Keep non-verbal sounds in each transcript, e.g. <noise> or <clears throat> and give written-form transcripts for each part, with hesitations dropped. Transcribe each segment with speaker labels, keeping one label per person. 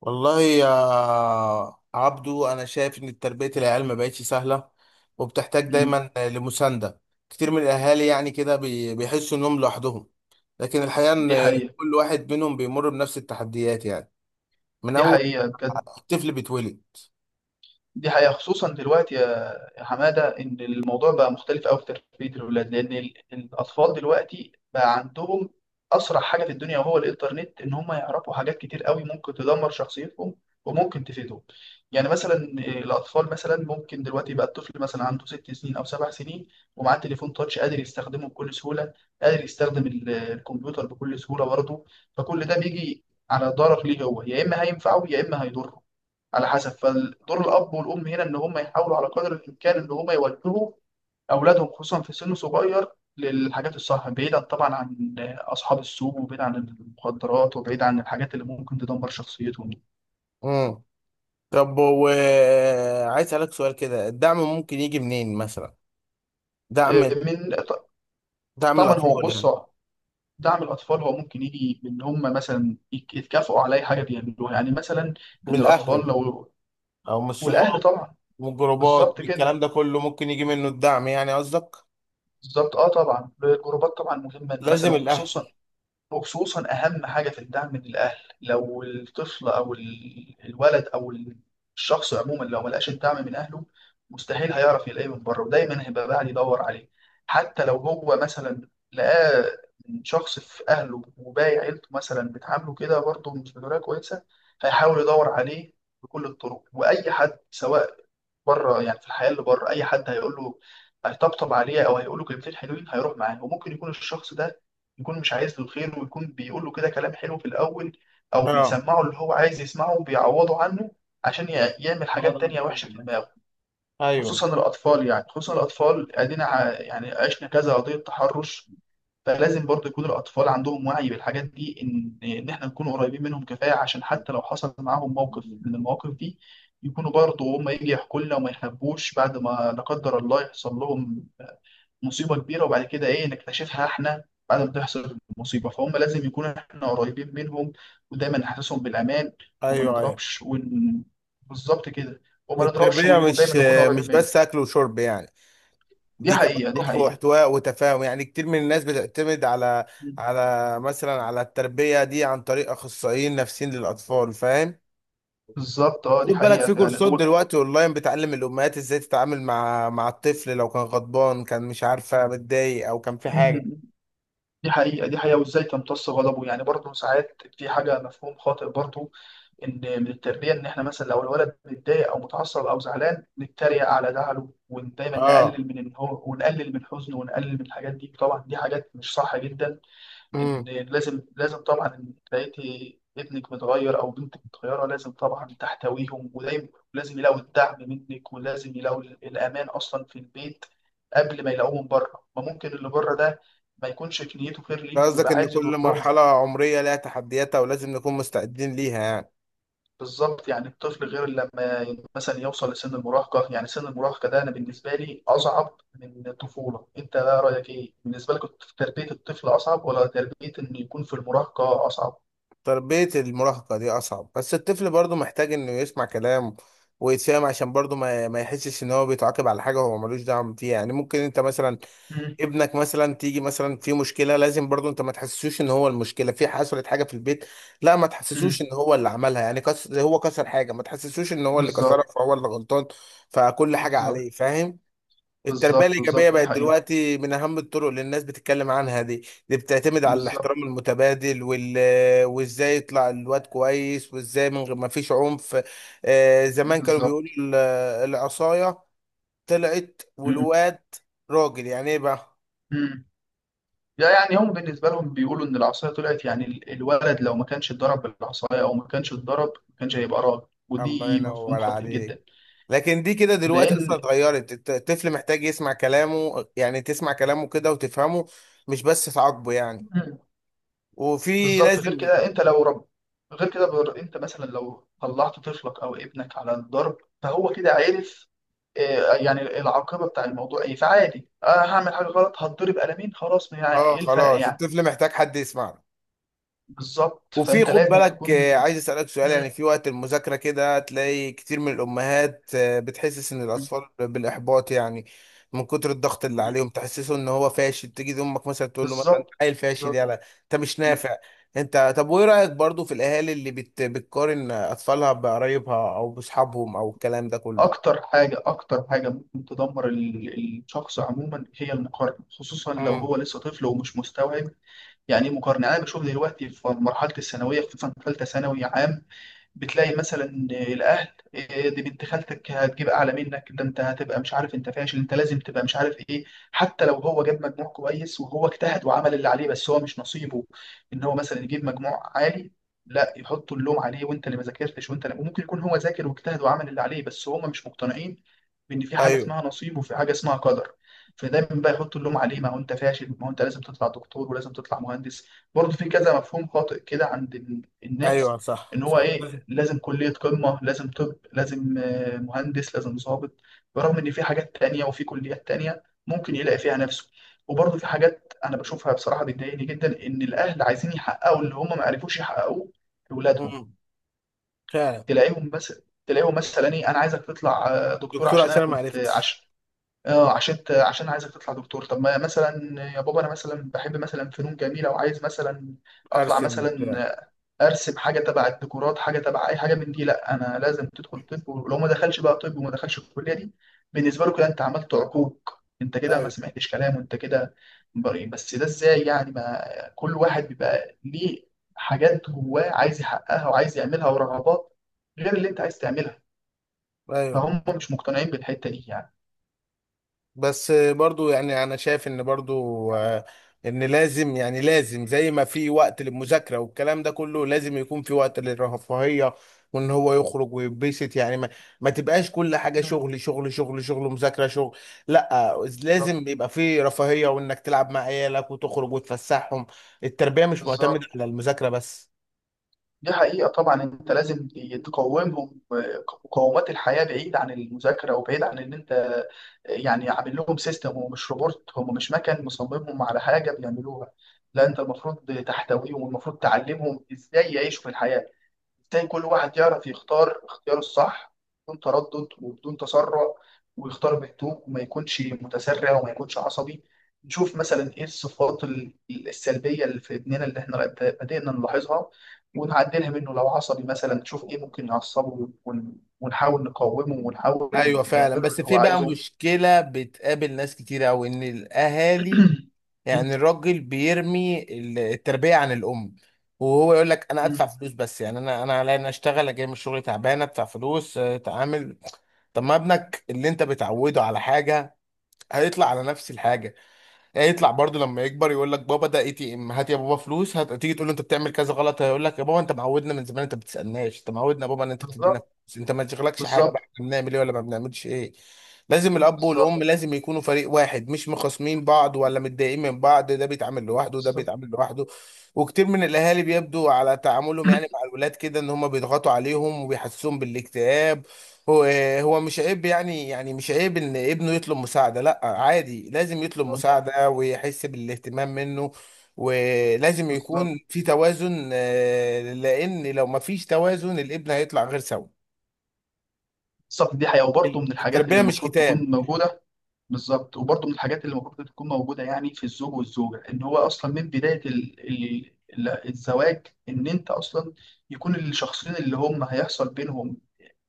Speaker 1: والله يا عبدو، انا شايف ان تربيه العيال ما بقتش سهله وبتحتاج
Speaker 2: مم.
Speaker 1: دايما لمسانده. كتير من الاهالي يعني كده بيحسوا انهم لوحدهم. لكن الحقيقه
Speaker 2: دي
Speaker 1: ان
Speaker 2: حقيقة.
Speaker 1: كل واحد منهم بيمر بنفس التحديات يعني، من
Speaker 2: دي
Speaker 1: اول
Speaker 2: حقيقة
Speaker 1: ما
Speaker 2: بجد.
Speaker 1: الطفل بيتولد.
Speaker 2: دي حقيقة خصوصا دلوقتي يا حمادة، إن الموضوع بقى مختلف أوي في تربية الأولاد، لأن الأطفال دلوقتي بقى عندهم أسرع حاجة في الدنيا وهو الإنترنت، إن هم يعرفوا حاجات كتير أوي ممكن تدمر شخصيتهم وممكن تفيدهم. يعني مثلا الأطفال مثلا ممكن دلوقتي بقى الطفل مثلا عنده 6 سنين أو 7 سنين ومعاه تليفون تاتش قادر يستخدمه بكل سهولة، قادر يستخدم الكمبيوتر بكل سهولة برضه. فكل ده بيجي على ضرر ليه، هو يا إما هينفعه يا إما هيضره على حسب. فدور الاب والام هنا ان هم يحاولوا على قدر الامكان ان هم يوجهوا اولادهم خصوصا في سن صغير للحاجات الصح، بعيدا طبعا عن اصحاب السوق وبعيد عن المخدرات وبعيد عن الحاجات اللي ممكن تدمر شخصيتهم.
Speaker 1: امم طب، وعايز اسالك سؤال كده، الدعم ممكن يجي منين مثلا؟ دعم
Speaker 2: آه، من ط-
Speaker 1: دعم
Speaker 2: طبعا هو
Speaker 1: الاطفال
Speaker 2: بص،
Speaker 1: يعني.
Speaker 2: دعم الاطفال هو ممكن يجي من هم مثلا يتكافئوا على اي حاجه بيعملوها، يعني مثلا
Speaker 1: من
Speaker 2: ان الاطفال
Speaker 1: الاهل
Speaker 2: لو.
Speaker 1: او من
Speaker 2: والاهل
Speaker 1: الصحاب،
Speaker 2: طبعا.
Speaker 1: من الجروبات،
Speaker 2: بالظبط
Speaker 1: من
Speaker 2: كده.
Speaker 1: الكلام ده كله ممكن يجي منه الدعم، يعني قصدك.
Speaker 2: بالظبط اه، طبعا الجروبات طبعا مهمه، إن مثلا
Speaker 1: لازم الاهل.
Speaker 2: وخصوصا أهم حاجة في الدعم من الأهل، لو الطفل أو الولد أو الشخص عموما لو ملقاش الدعم من أهله مستحيل هيعرف يلاقيه من بره، ودايما هيبقى قاعد يدور عليه. حتى لو هو مثلا لقاه من شخص في أهله وباقي عيلته مثلا بتعامله كده برضه مش بطريقة كويسة، هيحاول يدور عليه بكل الطرق. وأي حد سواء بره، يعني في الحياه اللي بره اي حد هيقول له هيطبطب عليه او هيقول له كلمتين حلوين هيروح معاه، وممكن يكون الشخص ده يكون مش عايز له الخير، ويكون بيقول له كده كلام حلو في الاول، او
Speaker 1: اه،
Speaker 2: بيسمعه اللي هو عايز يسمعه وبيعوضه عنه عشان يعمل حاجات تانية وحشه في دماغه.
Speaker 1: ايوه،
Speaker 2: خصوصا الاطفال، يعني خصوصا الاطفال، ادينا يعني عشنا كذا قضيه تحرش. فلازم برضو يكون الأطفال عندهم وعي بالحاجات دي، إن إحنا نكون قريبين منهم كفاية عشان حتى لو حصل معاهم موقف من المواقف دي يكونوا برضو هم يجي يحكوا لنا وما يخبوش. بعد ما لا قدر الله يحصل لهم مصيبة كبيرة وبعد كده إيه نكتشفها إحنا بعد ما تحصل المصيبة، فهم لازم يكون إحنا قريبين منهم ودايما نحسسهم بالأمان. وما
Speaker 1: ايوه، ايوه.
Speaker 2: نضربش بالظبط كده. وما نضربش
Speaker 1: التربيه
Speaker 2: ودايما
Speaker 1: مش
Speaker 2: نكون قريبين
Speaker 1: مش
Speaker 2: منهم.
Speaker 1: بس اكل وشرب يعني،
Speaker 2: دي
Speaker 1: دي كمان
Speaker 2: حقيقة دي
Speaker 1: حب
Speaker 2: حقيقة.
Speaker 1: واحتواء وتفاهم. يعني كتير من الناس بتعتمد على مثلا على التربيه دي عن طريق اخصائيين نفسيين للاطفال، فاهم؟
Speaker 2: بالظبط اه،
Speaker 1: وخد
Speaker 2: دي
Speaker 1: بالك
Speaker 2: حقيقة
Speaker 1: في
Speaker 2: فعلا.
Speaker 1: كورسات دلوقتي اونلاين بتعلم الامهات ازاي تتعامل مع الطفل لو كان غضبان، كان مش عارفه، متضايق او كان في
Speaker 2: و...
Speaker 1: حاجه.
Speaker 2: دي حقيقة دي حقيقة. وازاي تمتص غضبه، يعني برضه ساعات في حاجة مفهوم خاطئ برضه، ان من التربية ان احنا مثلا لو الولد متضايق او متعصب او زعلان نتريق على زعله، ودايما
Speaker 1: اه.
Speaker 2: نقلل من ان هو، ونقلل من حزنه، ونقلل من الحاجات دي. طبعا دي حاجات مش صح جدا. ان
Speaker 1: امم
Speaker 2: لازم، لازم طبعا ان لقيتي ابنك متغير او بنتك متغيره لازم طبعا تحتويهم، ودايما لازم يلاقوا الدعم منك، ولازم يلاقوا الامان اصلا في البيت قبل ما يلاقوه من بره. ما ممكن اللي بره ده ما يكونش في نيته خير ليهم
Speaker 1: قصدك
Speaker 2: ويبقى
Speaker 1: ان
Speaker 2: عايز
Speaker 1: كل
Speaker 2: يضرهم.
Speaker 1: مرحله عمريه لها تحدياتها، ولازم نكون مستعدين ليها يعني.
Speaker 2: بالظبط. يعني الطفل غير لما مثلا يوصل لسن المراهقه. يعني سن المراهقه ده انا بالنسبه لي اصعب من الطفوله. انت بقى رايك ايه بالنسبه لك، تربيه الطفل اصعب ولا تربيه انه يكون في المراهقه اصعب؟
Speaker 1: تربية المراهقة دي أصعب، بس الطفل برضه محتاج إنه يسمع كلام ويتفهم، عشان برضه ما يحسش إن هو بيتعاقب على حاجة هو ملوش دعم فيها. يعني ممكن أنت مثلا ابنك مثلا تيجي مثلا في مشكلة، لازم برضه أنت ما تحسسوش إن هو المشكلة، في حصلت حاجة في البيت، لا ما تحسسوش
Speaker 2: مم.
Speaker 1: إن هو اللي عملها. يعني زي هو كسر حاجة، ما تحسسوش إن هو اللي كسرها،
Speaker 2: بالظبط
Speaker 1: فهو اللي غلطان، فكل حاجة
Speaker 2: بالظبط.
Speaker 1: عليه، فاهم؟ التربية
Speaker 2: بالظبط
Speaker 1: الإيجابية
Speaker 2: بالظبط دي
Speaker 1: بقت
Speaker 2: حقيقة.
Speaker 1: دلوقتي من أهم الطرق اللي الناس بتتكلم عنها. دي بتعتمد على
Speaker 2: بالظبط.
Speaker 1: الاحترام المتبادل وإزاي يطلع الواد كويس، وإزاي من غير ما فيش عنف. آه، زمان كانوا بيقولوا
Speaker 2: بالظبط.
Speaker 1: العصاية طلعت
Speaker 2: مم.
Speaker 1: والواد راجل، يعني إيه بقى؟
Speaker 2: مم. لا يعني هم بالنسبة لهم بيقولوا إن العصاية طلعت، يعني الولد لو ما كانش اتضرب بالعصاية أو ما كانش اتضرب ما كانش هيبقى راجل،
Speaker 1: الله
Speaker 2: ودي مفهوم
Speaker 1: ينور
Speaker 2: خاطئ جدا.
Speaker 1: عليك. لكن دي كده دلوقتي أصلا
Speaker 2: لأن.
Speaker 1: اتغيرت. الطفل محتاج يسمع كلامه، يعني تسمع كلامه كده وتفهمه، مش بس تعاقبه يعني.
Speaker 2: مم.
Speaker 1: وفي
Speaker 2: بالظبط. غير
Speaker 1: لازم.
Speaker 2: كده أنت لو رب. غير كده بر... أنت مثلا لو طلعت طفلك أو ابنك على الضرب فهو كده عرف، يعني العاقبة بتاع الموضوع إيه. فعادي، أنا هعمل حاجة غلط هتضرب قلمين خلاص، ما يعني
Speaker 1: اه
Speaker 2: إيه الفرق
Speaker 1: خلاص،
Speaker 2: يعني.
Speaker 1: الطفل محتاج حد يسمعه.
Speaker 2: بالظبط
Speaker 1: وفي
Speaker 2: فانت
Speaker 1: خد
Speaker 2: لازم
Speaker 1: بالك.
Speaker 2: تكون.
Speaker 1: عايز اسالك سؤال، يعني
Speaker 2: مم.
Speaker 1: في وقت المذاكره كده تلاقي كتير من الامهات بتحسس ان
Speaker 2: مم.
Speaker 1: الاطفال بالاحباط يعني. من كتر الضغط اللي
Speaker 2: مم.
Speaker 1: عليهم تحسسه ان هو فاشل، تيجي امك مثلا تقول له مثلا: انت
Speaker 2: بالظبط.
Speaker 1: عيل فاشل،
Speaker 2: بالظبط.
Speaker 1: يلا انت مش نافع. انت، طب وايه رايك برضو في الاهالي اللي بتقارن اطفالها بقرايبها او باصحابهم، او الكلام ده كله؟
Speaker 2: اكتر حاجه اكتر حاجه ممكن تدمر الشخص عموما هي المقارنه، خصوصا لو
Speaker 1: امم
Speaker 2: هو لسه طفل ومش مستوعب يعني ايه مقارنه. انا بشوف دلوقتي في مرحله الثانويه خصوصا ثالثه ثانوي عام بتلاقي مثلا الاهل: إيه دي بنت خالتك هتجيب اعلى منك، ده انت هتبقى مش عارف، انت فاشل، انت لازم تبقى مش عارف ايه. حتى لو هو جاب مجموع كويس وهو اجتهد وعمل اللي عليه بس هو مش نصيبه ان هو مثلا يجيب مجموع عالي، لا يحطوا اللوم عليه، وانت اللي ما ذاكرتش، وانت اللي. وممكن يكون هو ذاكر واجتهد وعمل اللي عليه بس هم مش مقتنعين بان في حاجه
Speaker 1: ايوه،
Speaker 2: اسمها نصيب وفي حاجه اسمها قدر. فدايما بقى يحط اللوم عليه: ما هو انت فاشل، ما هو انت لازم تطلع دكتور، ولازم تطلع مهندس. برضه في كذا مفهوم خاطئ كده عند
Speaker 1: ايوه،
Speaker 2: الناس،
Speaker 1: صح،
Speaker 2: ان هو
Speaker 1: صح.
Speaker 2: ايه لازم كليه قمه، لازم طب، لازم مهندس، لازم ضابط. برغم ان في حاجات تانية وفي كليات تانية ممكن يلاقي فيها نفسه. وبرضه في حاجات انا بشوفها بصراحه بتضايقني جدا، ان الاهل عايزين يحققوا اللي هم ما عرفوش يحققوه لاولادهم.
Speaker 1: امم فعلا.
Speaker 2: تلاقيهم بس تلاقيهم مثلا: ايه انا عايزك تطلع دكتور
Speaker 1: دكتور
Speaker 2: عشان انا
Speaker 1: عشان أنا ما
Speaker 2: كنت،
Speaker 1: عرفتش.
Speaker 2: عشان. اه عشان عشان عايزك تطلع دكتور طب. ما مثلا يا بابا انا مثلا بحب مثلا فنون جميله وعايز مثلا اطلع
Speaker 1: ارسم
Speaker 2: مثلا
Speaker 1: بتاع.
Speaker 2: ارسم حاجه تبع الديكورات، حاجه تبع اي حاجه من دي. لا انا لازم تدخل طب، ولو ما دخلش بقى طب وما دخلش الكليه دي بالنسبه له كده انت عملت عقوق، انت كده ما
Speaker 1: ايوه،
Speaker 2: سمعتش كلام، وانت كده بريء. بس ده ازاي يعني؟ ما كل واحد بيبقى ليه حاجات جواه عايز يحققها وعايز يعملها ورغبات غير اللي انت عايز تعملها.
Speaker 1: ايوه.
Speaker 2: فهم مش مقتنعين بالحته دي يعني.
Speaker 1: بس برضو يعني انا شايف ان برضو، ان لازم، يعني لازم زي ما في وقت للمذاكره والكلام ده كله، لازم يكون في وقت للرفاهيه، وان هو يخرج ويتبسط يعني، ما تبقاش كل حاجه
Speaker 2: مم.
Speaker 1: شغل شغل شغل شغل مذاكره شغل. لا،
Speaker 2: بالظبط.
Speaker 1: لازم يبقى في رفاهيه، وانك تلعب مع عيالك وتخرج وتفسحهم. التربيه مش معتمده
Speaker 2: بالظبط
Speaker 1: على المذاكره بس.
Speaker 2: دي حقيقة. طبعا انت لازم تقومهم مقومات الحياة بعيد عن المذاكرة، وبعيد عن ان انت يعني عامل لهم سيستم ومش روبوت. هم مش مكان مصممهم على حاجة بيعملوها، لا انت المفروض تحتويهم والمفروض تعلمهم ازاي يعيشوا في الحياة، تلاقي كل واحد يعرف يختار اختياره الصح بدون تردد وبدون تسرع، ويختار بهدوء وما يكونش متسرع وما يكونش عصبي. نشوف مثلا ايه الصفات السلبية اللي في ابننا اللي احنا بدأنا نلاحظها ونعدلها منه. لو عصبي مثلا نشوف ايه ممكن يعصبه، ونحاول نقاومه ونحاول
Speaker 1: ايوه فعلا،
Speaker 2: نعمله
Speaker 1: بس
Speaker 2: اللي هو
Speaker 1: في بقى
Speaker 2: عايزه.
Speaker 1: مشكله بتقابل ناس كتير، او ان الاهالي،
Speaker 2: <clears throat>
Speaker 1: يعني الراجل بيرمي التربية عن الأم، وهو يقول لك: أنا أدفع فلوس بس، يعني أنا عليا، أنا أشتغل أجي من الشغل تعبان، أدفع فلوس، أتعامل. طب ما ابنك اللي أنت بتعوده على حاجة هيطلع على نفس الحاجة. يطلع برضه لما يكبر يقول لك: بابا ده ATM، هات يا بابا فلوس هات. تيجي تقول له انت بتعمل كذا غلط، هيقول لك: يا بابا انت معودنا من زمان، انت ما بتسالناش، انت معودنا يا بابا ان انت بتدينا
Speaker 2: بالظبط.
Speaker 1: فلوس، انت ما تشغلكش حاجه بقى،
Speaker 2: بالظبط.
Speaker 1: احنا بنعمل ايه ولا ما بنعملش ايه. لازم الاب
Speaker 2: بالظبط.
Speaker 1: والام لازم يكونوا فريق واحد، مش مخاصمين بعض ولا متضايقين من بعض، ده بيتعامل لوحده وده
Speaker 2: بالظبط.
Speaker 1: بيتعامل لوحده. وكتير من الاهالي بيبدو على تعاملهم يعني مع الولاد كده ان هم بيضغطوا عليهم وبيحسسوهم بالاكتئاب. هو هو مش عيب، يعني مش عيب ان ابنه يطلب مساعدة، لا عادي، لازم يطلب مساعدة ويحس بالاهتمام منه. ولازم
Speaker 2: بالظبط.
Speaker 1: يكون في توازن، لان لو ما فيش توازن الابن هيطلع غير سوي.
Speaker 2: بالظبط دي حقيقة. وبرضه من الحاجات اللي
Speaker 1: التربية مش
Speaker 2: المفروض
Speaker 1: كتاب.
Speaker 2: تكون موجودة. بالظبط وبرضه من الحاجات اللي المفروض تكون موجودة يعني في الزوج والزوجة، إن هو أصلا من بداية الزواج، إن أنت أصلا يكون الشخصين اللي هم هيحصل بينهم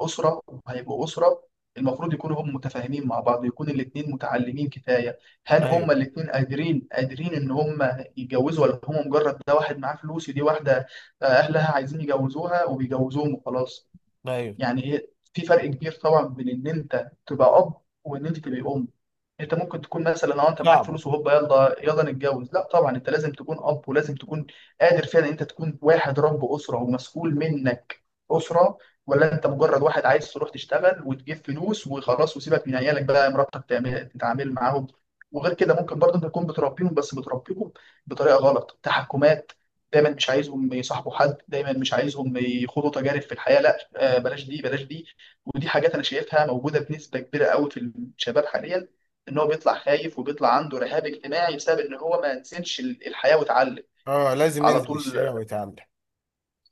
Speaker 2: أسرة وهيبقوا أسرة، المفروض يكونوا هم متفاهمين مع بعض، يكون الاتنين متعلمين كفاية. هل هم
Speaker 1: ايوه،
Speaker 2: الاتنين قادرين، قادرين إن هم يتجوزوا، ولا هم مجرد ده واحد معاه فلوس ودي واحدة أهلها عايزين يجوزوها وبيجوزوهم وخلاص؟
Speaker 1: ايوه،
Speaker 2: يعني في فرق كبير طبعا بين إن أنت تبقى أب وإن أنت تبقى أم. انت ممكن تكون مثلا لو انت معاك
Speaker 1: صعبة.
Speaker 2: فلوس وهوبا يلا يلا نتجوز، لا طبعا انت لازم تكون اب، ولازم تكون قادر فعلا انت تكون واحد رب اسره ومسؤول منك اسره، ولا انت مجرد واحد عايز تروح تشتغل وتجيب فلوس وخلاص وسيبك من عيالك بقى مراتك تعمل تتعامل معاهم. وغير كده ممكن برضه انت تكون بتربيهم بس بتربيهم بطريقه غلط، تحكمات، دايما مش عايزهم يصاحبوا حد، دايما مش عايزهم يخوضوا تجارب في الحياه، لا بلاش دي بلاش دي. ودي حاجات انا شايفها موجوده بنسبه كبيره قوي في الشباب حاليا، ان هو بيطلع خايف وبيطلع عنده رهاب اجتماعي بسبب ان هو ما نسيتش الحياه واتعلم
Speaker 1: اه، لازم
Speaker 2: على
Speaker 1: ينزل
Speaker 2: طول.
Speaker 1: الشارع ويتعامل.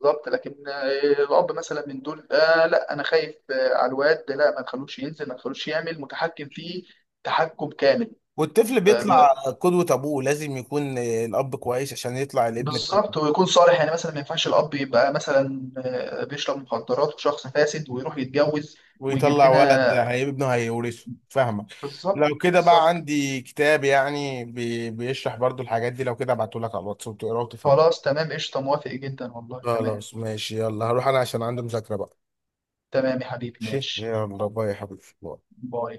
Speaker 2: بالظبط لكن الاب مثلا من دول آه لا انا خايف على الواد ده، لا ما تخلوش ينزل، ما تخلوش يعمل، متحكم فيه تحكم كامل.
Speaker 1: والطفل
Speaker 2: آه، ما-
Speaker 1: بيطلع قدوة ابوه، لازم يكون الاب كويس عشان يطلع الابن.
Speaker 2: بالظبط. ويكون صالح، يعني مثلا ما ينفعش الاب يبقى مثلا بيشرب مخدرات وشخص فاسد ويروح يتجوز ويجيب
Speaker 1: ويطلع ولد،
Speaker 2: لنا.
Speaker 1: هيبقى ابنه هيورثه، فاهمك؟
Speaker 2: بالظبط
Speaker 1: لو كده بقى
Speaker 2: بالظبط.
Speaker 1: عندي كتاب يعني بيشرح برضو الحاجات دي، لو كده ابعته لك على الواتس وتقراه وتفهمه.
Speaker 2: خلاص تمام قشطه، موافق جدا والله، تمام.
Speaker 1: خلاص ماشي، يلا هروح انا عشان عندي مذاكرة بقى.
Speaker 2: تمام يا حبيبي،
Speaker 1: ماشي،
Speaker 2: ماشي.
Speaker 1: يلا باي يا حبيبي.
Speaker 2: باي.